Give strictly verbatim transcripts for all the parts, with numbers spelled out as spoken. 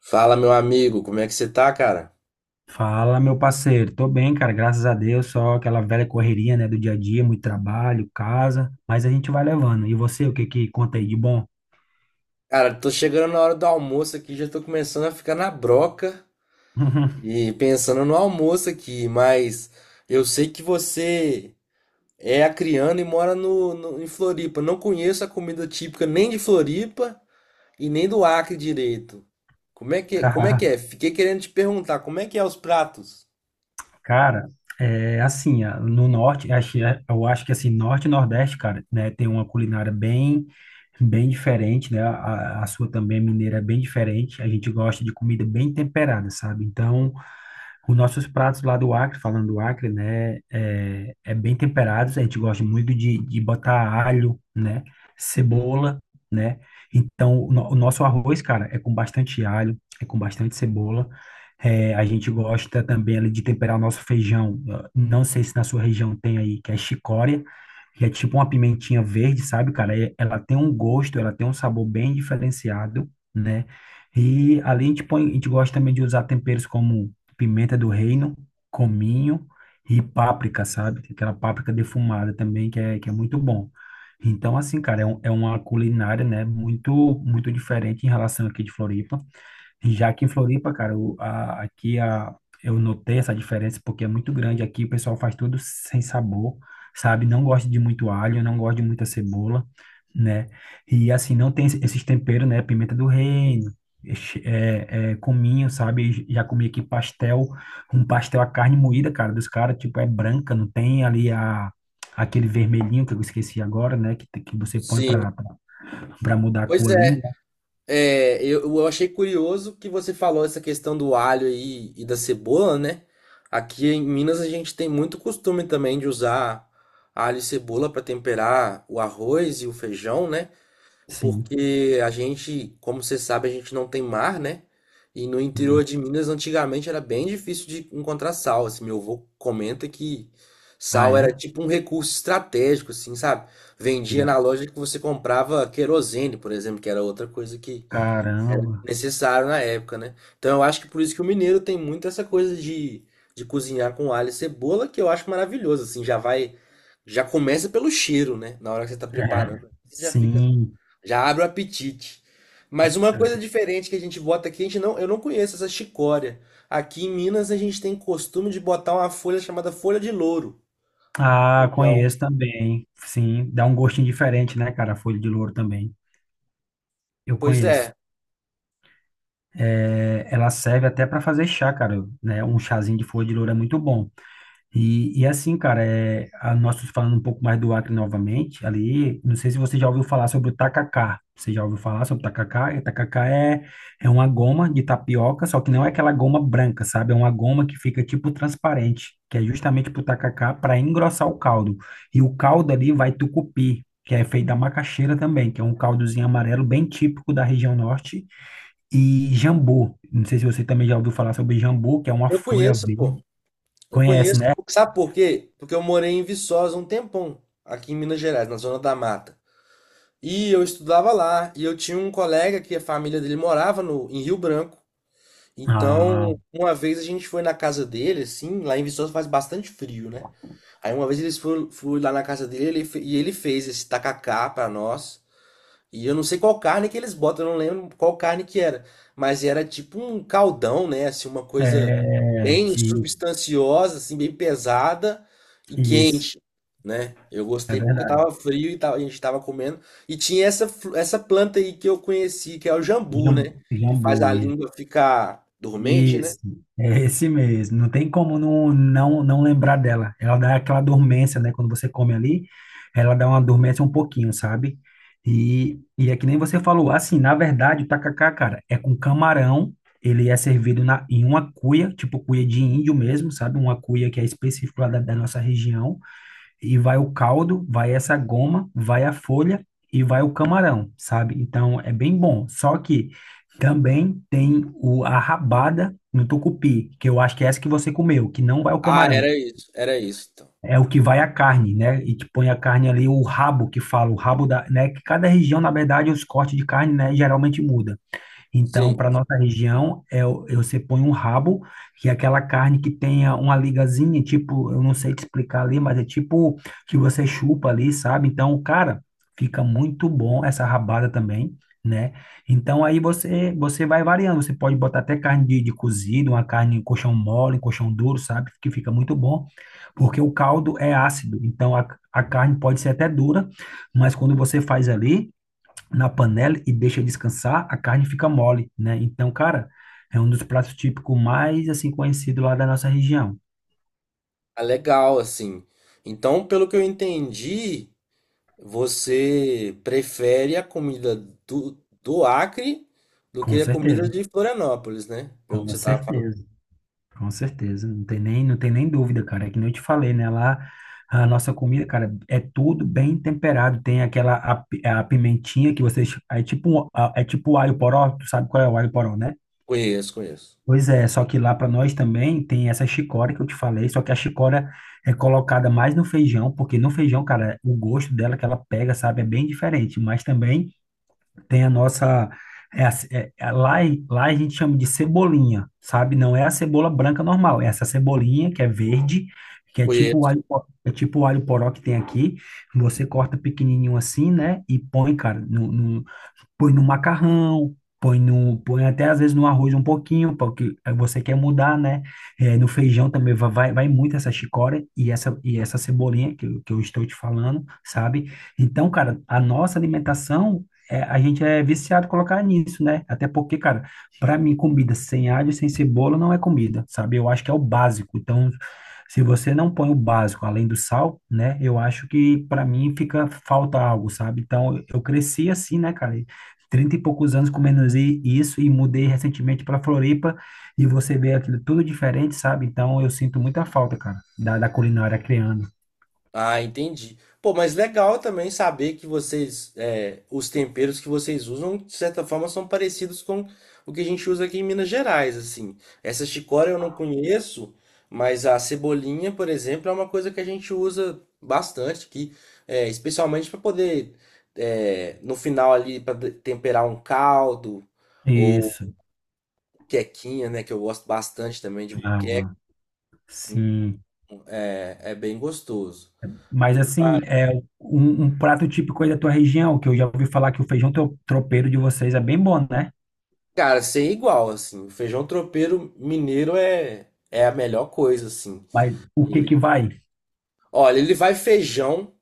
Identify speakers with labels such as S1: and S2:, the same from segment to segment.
S1: Fala, meu amigo, como é que você tá, cara?
S2: Fala, meu parceiro. Tô bem, cara, graças a Deus. Só aquela velha correria, né, do dia a dia, muito trabalho, casa, mas a gente vai levando. E você, o que que conta aí de bom?
S1: Cara, tô chegando na hora do almoço aqui, já tô começando a ficar na broca e pensando no almoço aqui, mas eu sei que você é acriano e mora no, no- em Floripa. Não conheço a comida típica nem de Floripa e nem do Acre direito. Como é que, como é que
S2: Tá.
S1: é? Fiquei querendo te perguntar, como é que é os pratos?
S2: Cara, é assim, ah, no norte, acho- é, eu acho que assim, norte e nordeste, cara, né, tem uma culinária bem bem diferente, né? A, a sua também mineira é bem diferente. A gente gosta de comida bem temperada, sabe? Então, os nossos pratos lá do Acre, falando do Acre, né, é, é bem temperados, a gente gosta muito de, de botar alho, né, cebola, né, então o, no- o nosso arroz, cara, é com bastante alho, é com bastante cebola, é, a gente gosta também ali de temperar o nosso feijão, ah, não sei se na sua região tem aí, que é chicória, que é tipo uma pimentinha verde, sabe, cara, É- ela tem um gosto, ela tem um sabor bem diferenciado, né, e além de põe, a gente gosta também de usar temperos como pimenta do reino, cominho e páprica, sabe? Tem aquela páprica defumada também, que é, que é muito bom. Então, assim, cara, é, um- é uma culinária, né, muito, muito diferente em relação aqui de Floripa. E já aqui em Floripa, cara, o- a- aqui a, eu notei essa diferença porque é muito grande. Aqui o pessoal faz tudo sem sabor, sabe? Não gosta de muito alho, não gosta de muita cebola, né? E assim, não tem esse- esses temperos, né? Pimenta do reino, ex- é, é, cominho, sabe? Já comi aqui pastel, um pastel, a carne moída, cara, dos caras, tipo, é branca, não tem ali a, aquele vermelhinho que eu esqueci agora, né? Que, que você põe
S1: Sim.
S2: pra, pra, pra mudar a
S1: Pois
S2: cor ali,
S1: é.
S2: né?
S1: É, eu, eu achei curioso que você falou essa questão do alho aí e da cebola, né? Aqui em Minas a gente tem muito costume também de usar alho e cebola para temperar o arroz e o feijão, né?
S2: Sim.
S1: Porque a gente, como você sabe, a gente não tem mar, né? E no interior de Minas antigamente era bem difícil de encontrar sal. Assim, meu avô comenta que
S2: Ah,
S1: sal era
S2: é?
S1: tipo um recurso estratégico, assim, sabe? Vendia na loja que você comprava querosene, por exemplo, que era outra coisa que
S2: Caramba.
S1: necessário na época, né? Então eu acho que por isso que o mineiro tem muito essa coisa de, de cozinhar com alho e cebola, que eu acho maravilhoso, assim, já vai, já começa pelo cheiro, né? Na hora que você tá
S2: É,
S1: preparando, você já fica,
S2: sim.
S1: já abre o apetite. Mas uma coisa diferente que a gente bota aqui, a gente não, eu não conheço essa chicória. Aqui em Minas a gente tem costume de botar uma folha chamada folha de louro no
S2: Ah,
S1: feijão.
S2: conheço também. Sim, dá um gostinho diferente, né, cara? A folha de louro também. Eu
S1: Pois
S2: conheço.
S1: é,
S2: É, ela serve até para fazer chá, cara, né? Um chazinho de folha de louro é muito bom. E, e assim, cara, é, a, nós falando um pouco mais do Acre novamente, ali, não sei se você já ouviu falar sobre o tacacá. Você já ouviu falar sobre o tacacá? E o tacacá é, é uma goma de tapioca, só que não é aquela goma branca, sabe? É uma goma que fica tipo transparente, que é justamente pro tacacá para engrossar o caldo. E o caldo ali vai tucupi, que é feito da macaxeira também, que é um caldozinho amarelo bem típico da região norte. E jambu, não sei se você também já ouviu falar sobre jambu, que é uma
S1: eu
S2: folha
S1: conheço, pô.
S2: verde.
S1: Eu
S2: Conhece,
S1: conheço,
S2: né?
S1: sabe por quê? Porque eu morei em Viçosa um tempão, aqui em Minas Gerais, na zona da mata. E eu estudava lá, e eu tinha um colega que a família dele morava no, em Rio Branco.
S2: Ah,
S1: Então, uma vez a gente foi na casa dele, assim, lá em Viçosa faz bastante frio, né? Aí uma vez eles foram, fui lá na casa dele ele fe- e ele fez esse tacacá pra nós. E eu não sei qual carne que eles botam, eu não lembro qual carne que era. Mas era tipo um caldão, né? Assim, uma coisa
S2: é,
S1: bem
S2: ti-
S1: substanciosa, assim, bem pesada e
S2: isso,
S1: quente, né? Eu
S2: é
S1: gostei porque
S2: verdade.
S1: tava frio e tava- a gente tava comendo. E tinha essa, fru- essa planta aí que eu conheci, que é o jambu,
S2: Jam-
S1: né? Que faz
S2: Jambu,
S1: a
S2: isso.
S1: língua ficar dormente, né?
S2: Isso, é esse mesmo. Não tem como não, não, não lembrar dela. Ela dá aquela dormência, né? Quando você come ali, ela dá uma dormência um pouquinho, sabe? E, e é que nem você falou, assim, na verdade, o tacacá, cara, é com camarão. Ele é servido na, em uma cuia, tipo cuia de índio mesmo, sabe? Uma cuia que é específica lá da da nossa região. E vai o caldo, vai essa goma, vai a folha e vai o camarão, sabe? Então é bem bom. Só que também tem o, a rabada no tucupi, que eu acho que é essa que você comeu, que não vai o
S1: Ah,
S2: camarão.
S1: era isso, era isso, então.
S2: É o que vai a carne, né? E te põe a carne ali, o rabo que fala, o rabo da, né? Que cada região, na verdade, os cortes de carne, né, geralmente muda. Então,
S1: Sim,
S2: para nossa região, é, o- eu você põe um rabo, que é aquela carne que tenha uma ligazinha, tipo, eu não sei te explicar ali, mas é tipo que você chupa ali, sabe? Então, cara, fica muito bom essa rabada também, né? Então, aí você você vai variando, você pode botar até carne de, de cozido, uma carne em colchão mole, em colchão duro, sabe? Que fica muito bom, porque o caldo é ácido, então a, a carne pode ser até dura, mas quando você faz ali na panela e deixa descansar, a carne fica mole, né? Então, cara, é um dos pratos típicos mais, assim, conhecido lá da nossa região.
S1: é legal, assim. Então, pelo que eu entendi, você prefere a comida do, do Acre do
S2: Com
S1: que a comida
S2: certeza,
S1: de Florianópolis, né? Pelo que
S2: com
S1: você estava falando.
S2: certeza, com certeza. Não tem nem, não tem nem dúvida, cara. É que nem eu te falei, né? Lá, a nossa comida, cara, é tudo bem temperado. Tem aquela, a, pi- a pimentinha que vocês, é tipo, um- a- é tipo o alho poró, tu sabe qual é o alho poró, né?
S1: Conheço, conheço.
S2: Pois é, só que lá para nós também tem essa chicória que eu te falei, só que a chicória é colocada mais no feijão, porque no feijão, cara, o gosto dela que ela pega, sabe, é bem diferente, mas também tem a nossa, é a ce- é- é- lá, lá a gente chama de cebolinha, sabe, não é a cebola branca normal, é essa cebolinha que é verde, que é tipo o
S1: Conheço.
S2: alho, po- é tipo o alho poró que tem aqui, você corta pequenininho assim, né, e põe, cara, põe no macarrão, põe no, põe até às vezes no arroz um pouquinho, porque você quer mudar, né? É, no feijão também va- vai, vai muito essa chicória e essa, e essa cebolinha que, eu- que eu estou te falando, sabe? Então, cara, a nossa alimentação, é, a gente é viciado em colocar nisso, né? Até porque, cara, para mim, comida sem alho, sem cebola não é comida, sabe? Eu acho que é o básico. Então, se você não põe o básico além do sal, né? Eu acho que para mim fica falta algo, sabe? Então, eu cresci assim, né, cara? Trinta e poucos anos comendo zi- isso e mudei recentemente para Floripa e você vê aquilo tudo diferente, sabe? Então eu sinto muita falta, cara, da, da culinária criando.
S1: Ah, entendi. Pô, mas legal também saber que vocês, é, os temperos que vocês usam, de certa forma, são parecidos com o que a gente usa aqui em Minas Gerais, assim. Essa chicória eu não conheço, mas a cebolinha, por exemplo, é uma coisa que a gente usa bastante aqui, é, especialmente para poder, é, no final ali, para temperar um caldo ou
S2: Isso,
S1: quequinha, né, que eu gosto bastante também de,
S2: ah, sim.
S1: é é bem gostoso.
S2: Mas assim, é um, um prato típico aí da tua região, que eu já ouvi falar que o feijão tro- tropeiro de vocês é bem bom, né?
S1: Cara, sem igual, assim. O feijão tropeiro mineiro é, é a melhor coisa, assim.
S2: Mas o que que
S1: Ele,
S2: vai?
S1: olha, ele vai feijão.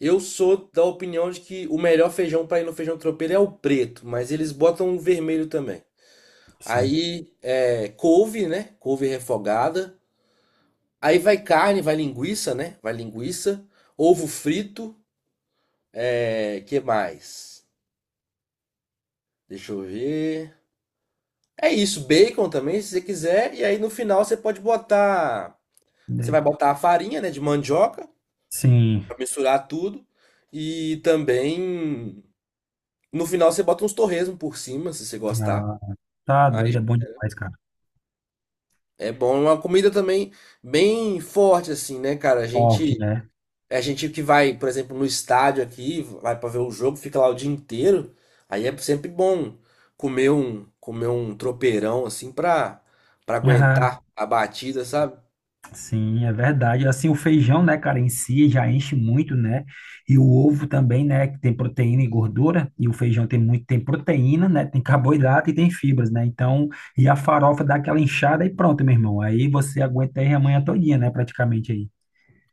S1: Eu sou da opinião de que o melhor feijão para ir no feijão tropeiro é o preto, mas eles botam o vermelho também.
S2: Sim.
S1: Aí é couve, né? Couve refogada. Aí vai carne, vai linguiça, né? Vai linguiça. Ovo frito. É, que mais? Deixa eu ver. É isso, bacon também, se você quiser. E aí no final você pode botar, você
S2: Daí-
S1: vai botar a farinha, né, de mandioca
S2: Sim.
S1: para misturar tudo e também no final você bota uns torresmo por cima, se você gostar.
S2: Ah, tá
S1: Aí
S2: doido, é bom demais, cara.
S1: é bom. É uma comida também bem forte assim, né, cara? A
S2: Forte,
S1: gente
S2: né?
S1: a gente que vai, por exemplo, no estádio aqui, vai para ver o jogo, fica lá o dia inteiro. Aí é sempre bom comer um comer um tropeirão assim pra para aguentar a batida, sabe?
S2: Sim, é verdade. Assim, o feijão, né, cara, em si já enche muito, né? E o ovo também, né, que tem proteína e gordura, e o feijão tem muito, tem proteína, né, tem carboidrato e tem fibras, né? Então, e a farofa dá aquela inchada e pronto, meu irmão. Aí você aguenta aí a manhã todinha, né, praticamente aí.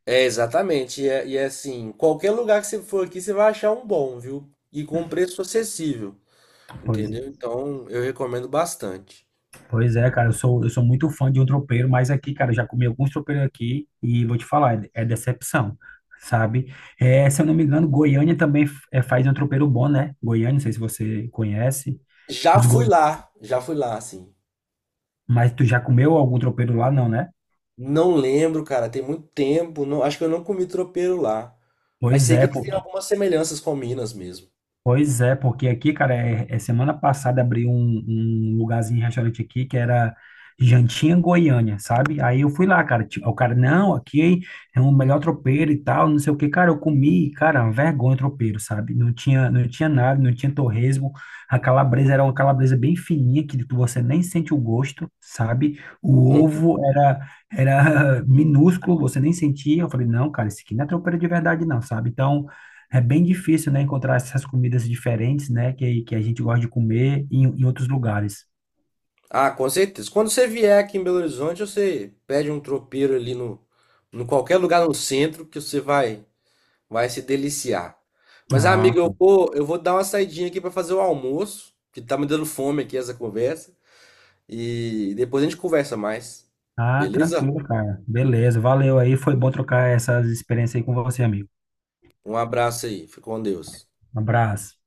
S1: É, exatamente. E, é- e é assim, qualquer lugar que você for aqui, você vai achar um bom, viu? E com preço acessível,
S2: Pois
S1: entendeu?
S2: é.
S1: Então, eu recomendo bastante.
S2: Pois é, cara, eu sou, eu sou muito fã de um tropeiro, mas aqui, cara, eu já comi alguns tropeiros aqui e vou te falar, é, é decepção, sabe? É, se eu não me engano, Goiânia também f- é, faz um tropeiro bom, né? Goiânia, não sei se você conhece,
S1: Já
S2: os
S1: fui
S2: goi...
S1: lá, já fui lá, assim.
S2: mas tu já comeu algum tropeiro lá, não, né?
S1: Não lembro, cara, tem muito tempo. Não, acho que eu não comi tropeiro lá. Mas
S2: Pois
S1: sei que
S2: é,
S1: eles
S2: pô.
S1: têm algumas semelhanças com Minas mesmo.
S2: Pois é, porque aqui, cara, é, é semana passada abriu um, um lugarzinho, um restaurante aqui, que era Jantinha Goiânia, sabe? Aí eu fui lá, cara, tipo, o cara, não, aqui é o melhor tropeiro e tal, não sei o que, cara, eu comi, cara, uma vergonha o tropeiro, sabe? Não tinha, não tinha nada, não tinha torresmo, a calabresa era uma calabresa bem fininha, que tu- você nem sente o gosto, sabe? O
S1: Hum.
S2: ovo era, era minúsculo, você nem sentia, eu falei, não, cara, isso aqui não é tropeiro de verdade não, sabe? Então, é bem difícil, né, encontrar essas comidas diferentes, né, que, que a gente gosta de comer em, em outros lugares.
S1: Ah, com certeza. Quando você vier aqui em Belo Horizonte, você pede um tropeiro ali no, no qualquer lugar no centro que você vai. Vai se deliciar. Mas,
S2: Ah,
S1: amiga, eu vou, eu vou dar uma saidinha aqui para fazer o almoço, que tá me dando fome aqui essa conversa. E depois a gente conversa mais.
S2: ah,
S1: Beleza?
S2: tranquilo, cara. Beleza, valeu aí. Foi bom trocar essas experiências aí com você, amigo.
S1: Um abraço aí. Fica com Deus.
S2: Um abraço.